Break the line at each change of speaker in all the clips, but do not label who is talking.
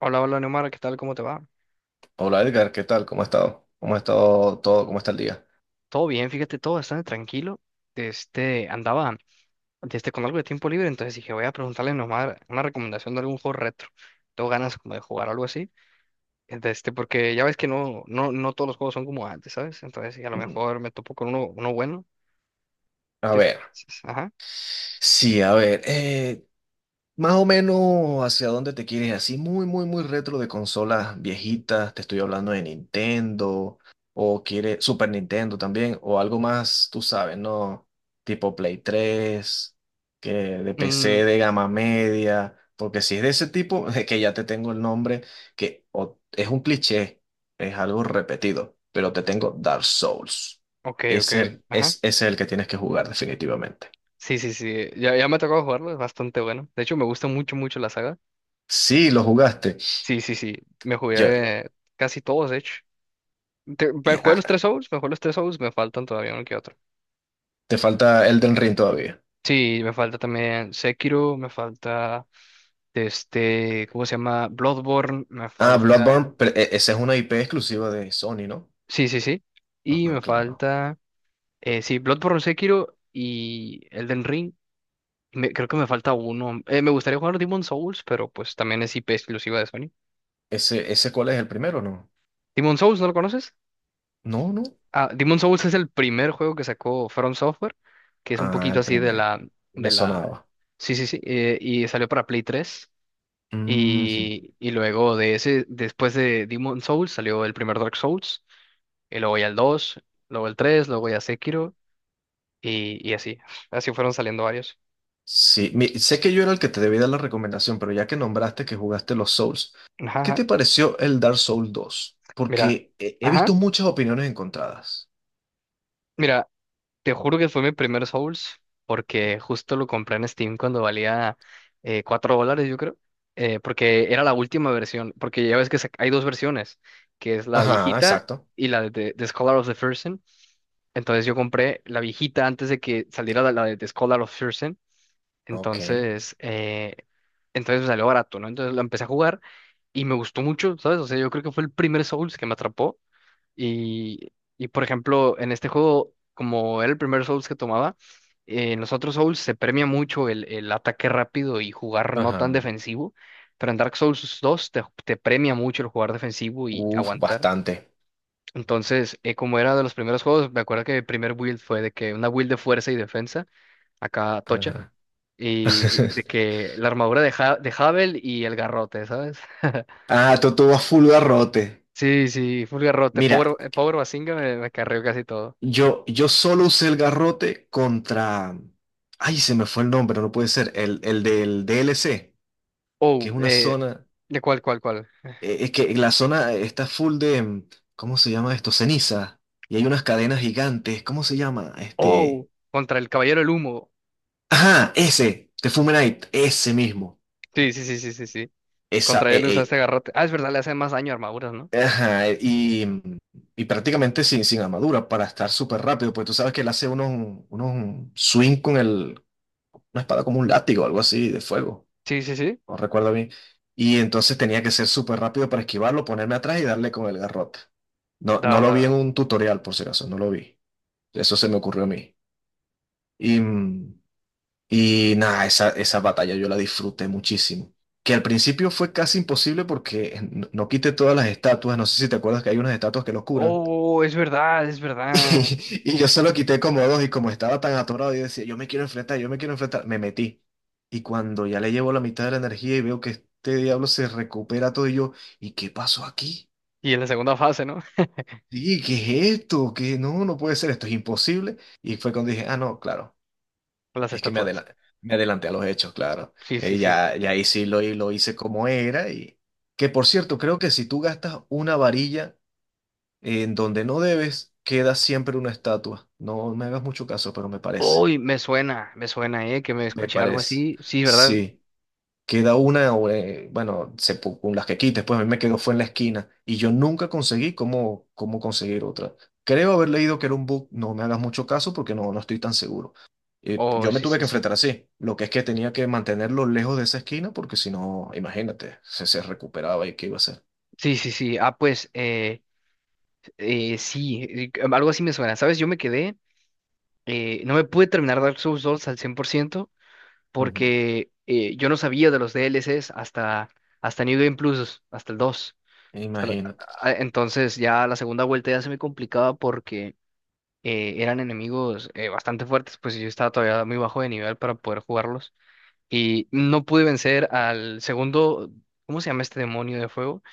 Hola, hola Neomar, ¿qué tal? ¿Cómo te va?
Hola Edgar, ¿qué tal? ¿Cómo ha estado? ¿Cómo ha estado todo? ¿Cómo está el día?
Todo bien, fíjate, todo bastante tranquilo. Andaba con algo de tiempo libre, entonces dije, voy a preguntarle a Neomar una recomendación de algún juego retro. Tengo ganas como de jugar algo así. Porque ya ves que no, no, no todos los juegos son como antes, ¿sabes? Entonces, y a lo
Mm,
mejor me topo con uno bueno.
A
¿Tú qué
ver,
piensas? Ajá.
sí, a ver, más o menos hacia dónde te quieres, así muy, muy, muy retro de consolas viejitas, te estoy hablando de Nintendo, o quiere Super Nintendo también, o algo más, tú sabes, ¿no? Tipo Play 3, que de
Mm,
PC de gama media, porque si es de ese tipo, es que ya te tengo el nombre, es un cliché, es algo repetido, pero te tengo Dark Souls.
ok, ok,
Es el,
ajá.
es, es el que tienes que jugar definitivamente.
Sí, sí, sí. Ya, ya me ha tocado jugarlo, es bastante bueno. De hecho, me gusta mucho, mucho la saga.
Sí, lo jugaste.
Sí, sí, sí. Me
Yo,
jugué casi todos, de hecho. Me jugué los tres Souls, me faltan todavía uno que otro.
te falta Elden Ring todavía.
Sí, me falta también Sekiro, me falta ¿cómo se llama? Bloodborne, me
Ah,
falta.
Bloodborne, pero esa es una IP exclusiva de Sony, ¿no?
Sí, sí, sí. Y
Ah,
me
claro.
falta. Sí, Bloodborne, Sekiro y Elden Ring. Creo que me falta uno. Me gustaría jugar Demon Souls, pero pues también es IP exclusiva de Sony.
¿Ese, ese cuál es el primero, no?
Demon Souls, ¿no lo conoces?
No, no.
Ah, Demon Souls es el primer juego que sacó From Software, que es un
Ah,
poquito
el
así
primero.
de
Me
la,
sonaba.
sí, sí, sí. Y salió para Play tres.
Ujú.
Y luego de ese, después de Demon Souls salió el primer Dark Souls, y luego ya el dos, luego el tres, luego ya Sekiro, y así. Así fueron saliendo varios.
Sé que yo era el que te debía dar la recomendación, pero ya que nombraste que jugaste los Souls,
Ajá,
¿qué
ajá.
te pareció el Dark Souls 2?
Mira,
Porque he
ajá,
visto muchas opiniones encontradas.
mira, te juro que fue mi primer Souls, porque justo lo compré en Steam cuando valía $4, yo creo, porque era la última versión, porque ya ves que hay dos versiones, que es la
Ajá,
viejita
exacto.
y la de Scholar of the First. Entonces yo compré la viejita antes de que saliera la de The Scholar of Thurston.
Ok.
Entonces, entonces me salió barato, ¿no? Entonces la empecé a jugar y me gustó mucho, ¿sabes? O sea, yo creo que fue el primer Souls que me atrapó. Y, y por ejemplo, en este juego, como era el primer Souls que tomaba, en los otros Souls se premia mucho el ataque rápido y jugar no tan
Ajá.
defensivo. Pero en Dark Souls dos te premia mucho el jugar defensivo y
Uf,
aguantar.
bastante.
Entonces, como era de los primeros juegos, me acuerdo que el primer build fue de que una build de fuerza y defensa, acá tocha,
Ajá.
y de que la armadura de Havel y el garrote, ¿sabes?
Ah, tú vas full garrote.
Sí, sí, full garrote,
Mira,
power pobre Bazinga me carrió casi todo.
yo solo usé el garrote contra... Ay, se me fue el nombre, no puede ser. El del DLC, que
Oh,
es una zona...
¿de cuál, cuál, cuál?
es que la zona está full de... ¿cómo se llama esto? Ceniza. Y hay unas cadenas gigantes. ¿Cómo se llama? Este...
Oh, contra el Caballero del Humo.
Ajá, ese. The Fumenite. Ese mismo.
Sí, sí, sí, sí, sí, sí.
Esa...
Contra él usaste garrote. Ah, es verdad, le hace más daño a armaduras, ¿no?
ajá. Y, y prácticamente sin armadura para estar súper rápido. Pues tú sabes que él hace unos, unos swing con el... una espada como un látigo, algo así de fuego,
Sí, sí, sí.
no recuerdo bien. Y entonces tenía que ser súper rápido para esquivarlo, ponerme atrás y darle con el garrote. No, no
Da, da,
lo vi en
da.
un tutorial, por si acaso, no lo vi. Eso se me ocurrió a mí. Y, y nada, esa batalla yo la disfruté muchísimo. Que al principio fue casi imposible porque no quité todas las estatuas. No sé si te acuerdas que hay unas estatuas que los curan.
Oh, es verdad, es verdad.
Y, yo solo quité como dos y como estaba tan atorado, yo decía, yo me quiero enfrentar, yo me quiero enfrentar, me metí. Y cuando ya le llevo la mitad de la energía y veo que este diablo se recupera todo y yo, ¿y qué pasó aquí?
Y en la segunda fase, ¿no?
Sí, ¿qué es esto? ¿Qué? No, no puede ser, esto es imposible. Y fue cuando dije, ah, no, claro,
Las
es que
estatuas.
me adelanté a los hechos, claro.
Sí, sí, sí.
Ya, ya ahí sí lo hice como era y... Que por cierto, creo que si tú gastas una varilla en donde no debes, queda siempre una estatua. No me hagas mucho caso, pero me parece.
Uy, me suena, ¿eh? Que me
Me
escuché algo
parece.
así. Sí, ¿verdad?
Sí. Queda una, o, bueno, se, con las que quites, pues a mí me quedó fue en la esquina y yo nunca conseguí cómo, cómo conseguir otra. Creo haber leído que era un book, no me hagas mucho caso porque no, no estoy tan seguro.
Oh,
Yo me
sí,
tuve
sí,
que
sí.
enfrentar así, lo que es que tenía que mantenerlo lejos de esa esquina porque si no, imagínate, se recuperaba y qué iba a hacer.
Sí, sí, sí. Ah, pues, sí, algo así me suena. ¿Sabes? Yo me quedé, no me pude terminar Dark Souls 2 al 100%
Ujú.
porque yo no sabía de los DLCs hasta New Game Plus, hasta el dos, hasta la-
Imagínate.
ah, entonces ya la segunda vuelta ya se me complicaba porque eran enemigos bastante fuertes, pues yo estaba todavía muy bajo de nivel para poder jugarlos. Y no pude vencer al segundo, ¿cómo se llama este demonio de fuego?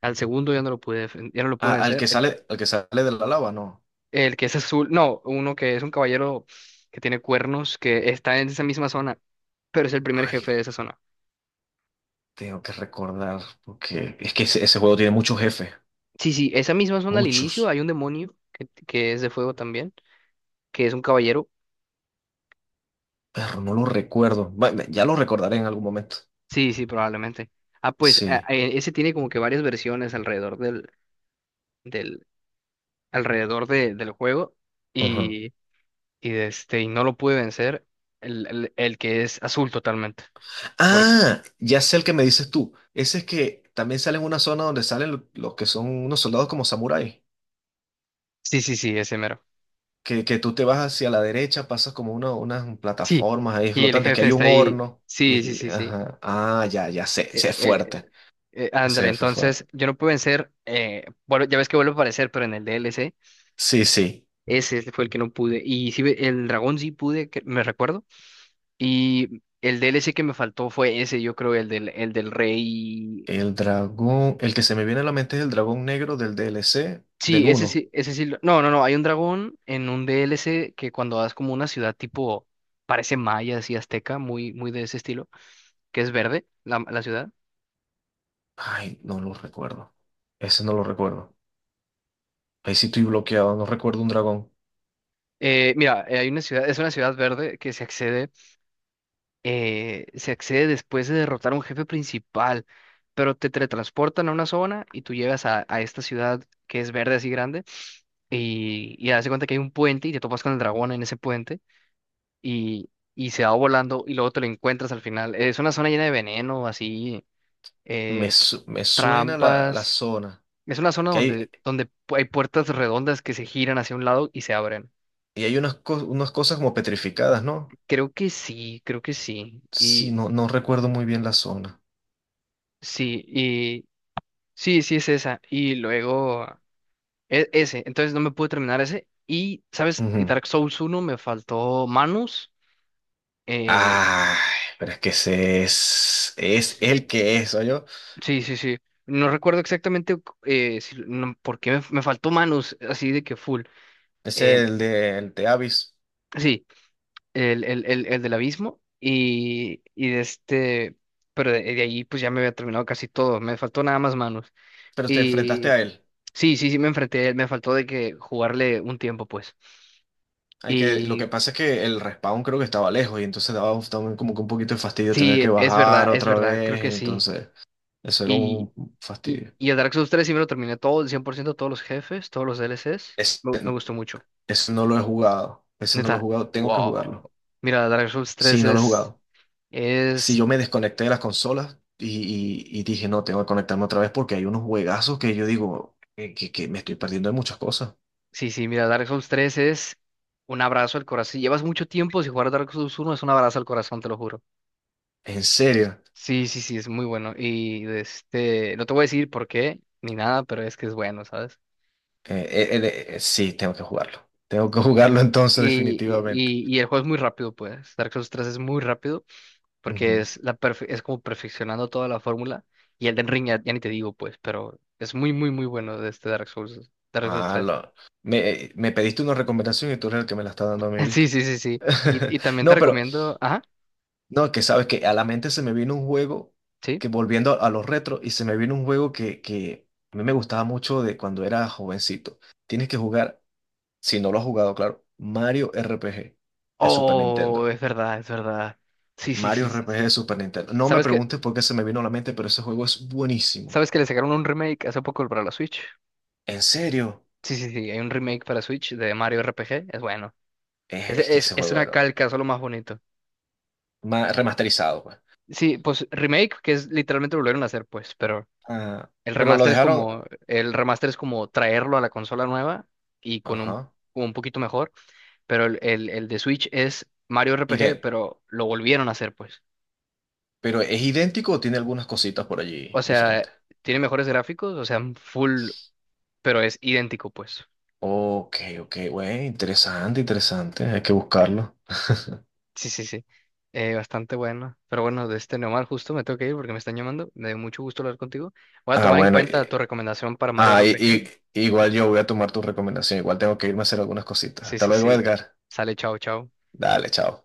Al segundo ya no lo pude, ya no lo pude
Al
vencer,
que sale, al que sale de la lava, no.
el que es azul, no, uno que es un caballero que tiene cuernos, que está en esa misma zona, pero es el primer jefe
Ay,
de esa zona.
tengo que recordar porque es que ese juego tiene muchos jefes,
Sí, sí, esa misma zona al inicio
muchos.
hay un demonio que es de fuego también, que es un caballero.
Perro, no lo recuerdo. Bueno, ya lo recordaré en algún momento.
Sí, sí, probablemente. Ah, pues
Sí.
ese tiene como que varias versiones alrededor del, del, alrededor del juego.
Ajá.
Y, y no lo pude vencer, el que es azul totalmente. Por...
Ah, ya sé el que me dices tú. Ese es que también sale en una zona donde salen los que son unos soldados como samuráis.
Sí, sí, sí, ese mero.
Que tú te vas hacia la derecha, pasas como unas
Sí,
plataformas ahí
y el
flotantes, que
jefe
hay
está
un
ahí.
horno. Y,
Sí, sí, sí, sí.
ajá. Ah, ya, ya sé. Ese
Eh,
es
eh,
fuerte.
ándale,
Ese fue fuerte.
entonces yo no pude vencer, bueno, ya ves que vuelve a aparecer, pero en el DLC,
Sí, sí.
ese fue el que no pude. Y sí, el dragón sí pude, me recuerdo. Y el DLC que me faltó fue ese, yo creo, el del rey.
El dragón. El que se me viene a la mente es el dragón negro del DLC del
Sí, ese
uno.
sí, ese sí. No, no, no. Hay un dragón en un DLC que cuando vas como una ciudad tipo, parece maya, así azteca, muy, muy de ese estilo, que es verde, la ciudad.
Ay, no lo recuerdo. Ese no lo recuerdo. Ahí sí estoy bloqueado, no recuerdo un dragón.
Mira, hay una ciudad, es una ciudad verde que se accede después de derrotar a un jefe principal, pero te teletransportan a una zona y tú llegas a esta ciudad que es verde así grande y haz de cuenta que hay un puente y te topas con el dragón en ese puente y, y se va volando y luego te lo encuentras al final. Es una zona llena de veneno, así,
Me,
eh, t-
me suena la
trampas.
zona.
Es una zona
Que hay,
donde hay puertas redondas que se giran hacia un lado y se abren.
y hay unas, unas cosas como petrificadas, ¿no?
Creo que sí, creo que sí.
Sí,
Y
no, no recuerdo muy bien la zona.
sí, y sí, sí es esa. Y luego ese. Entonces no me pude terminar ese. Y, ¿sabes? Y
Ujú.
Dark Souls uno me faltó Manus. eh,
Ay, pero es que ese es el que es, yo
Sí, sí, sí. No recuerdo exactamente, no, por me faltó manos así de que full.
es
Eh,
el de Abyss.
sí, el del abismo y pero de ahí pues ya me había terminado casi todo. Me faltó nada más manos.
Pero te enfrentaste
Y
a él.
sí, sí, sí, me enfrenté a él, me faltó de que jugarle un tiempo pues.
Hay que, lo
Y
que pasa es que el respawn creo que estaba lejos y entonces daba también como que un poquito de fastidio tener
sí,
que bajar
es
otra
verdad, creo
vez.
que sí.
Entonces, eso era un
Y,
fastidio.
y el Dark Souls tres sí me lo terminé todo, el 100% todos los jefes, todos los DLCs. Me gustó mucho.
Ese no lo he jugado. Ese no lo he
Neta,
jugado. Tengo que jugarlo.
wow. Mira, Dark Souls
Sí,
tres
no lo he jugado. Si
es,
yo me desconecté de las consolas y, y dije, no, tengo que conectarme otra vez porque hay unos juegazos que yo digo que me estoy perdiendo de muchas cosas.
sí, sí, mira, Dark Souls tres es un abrazo al corazón. Si llevas mucho tiempo sin jugar Dark Souls uno, es un abrazo al corazón, te lo juro.
En serio.
Sí, sí, sí, es muy bueno. Y no te voy a decir por qué ni nada, pero es que es bueno, ¿sabes?
Sí, tengo que jugarlo. Tengo que jugarlo entonces
Y,
definitivamente.
y, y y el juego es muy rápido, pues. Dark Souls tres es muy rápido porque
Ujú.
es como perfeccionando toda la fórmula. Y Elden Ring ya, ya ni te digo, pues, pero es muy, muy, muy bueno de Dark Souls, Dark Souls
Ah,
tres.
lo- me, me pediste una recomendación y tú eres el que me la está dando a mí, ¿viste?
Sí, sí, sí, sí. Y, y también te
No, pero
recomiendo. Ajá,
No, que sabes que a la mente se me vino un juego
sí.
que volviendo a los retros y se me vino un juego que a mí me gustaba mucho de cuando era jovencito. Tienes que jugar, si no lo has jugado, claro, Mario RPG de Super
Oh,
Nintendo.
es verdad, es verdad. Sí, sí,
Mario
sí, sí,
RPG
sí.
de Super Nintendo. No me
¿Sabes que,
preguntes por qué se me vino a la mente, pero ese juego es buenísimo.
sabes que le sacaron un remake hace poco para la Switch?
¿En serio?
Sí, sí, sí. Hay un remake para Switch de Mario RPG. Es bueno.
Es, es que ese
Es
juego
una
era
calca, solo más bonito.
remasterizado, pues.
Sí, pues remake, que es literalmente lo volvieron a hacer, pues, pero
Ah,
el
pero lo
remaster es
dejaron,
como, el remaster es como traerlo a la consola nueva y con un,
ajá,
un poquito mejor, pero el de Switch es Mario RPG,
idéntico.
pero lo volvieron a hacer, pues.
Pero es idéntico o tiene algunas cositas por allí
O sea,
diferentes.
tiene mejores gráficos, o sea, full, pero es idéntico, pues.
Ok, ok, güey, interesante, interesante, hay que buscarlo.
Sí, sí, sí. Bastante bueno. Pero bueno, de este Neomar, justo me tengo que ir porque me están llamando. Me dio mucho gusto hablar contigo. Voy a
Ah,
tomar en
bueno,
cuenta tu recomendación para Mario
ah, y,
RPG.
igual yo voy a tomar tu recomendación, igual tengo que irme a hacer algunas cositas.
Sí,
Hasta
sí,
luego,
sí.
Edgar.
Sale, chao, chao.
Dale, chao.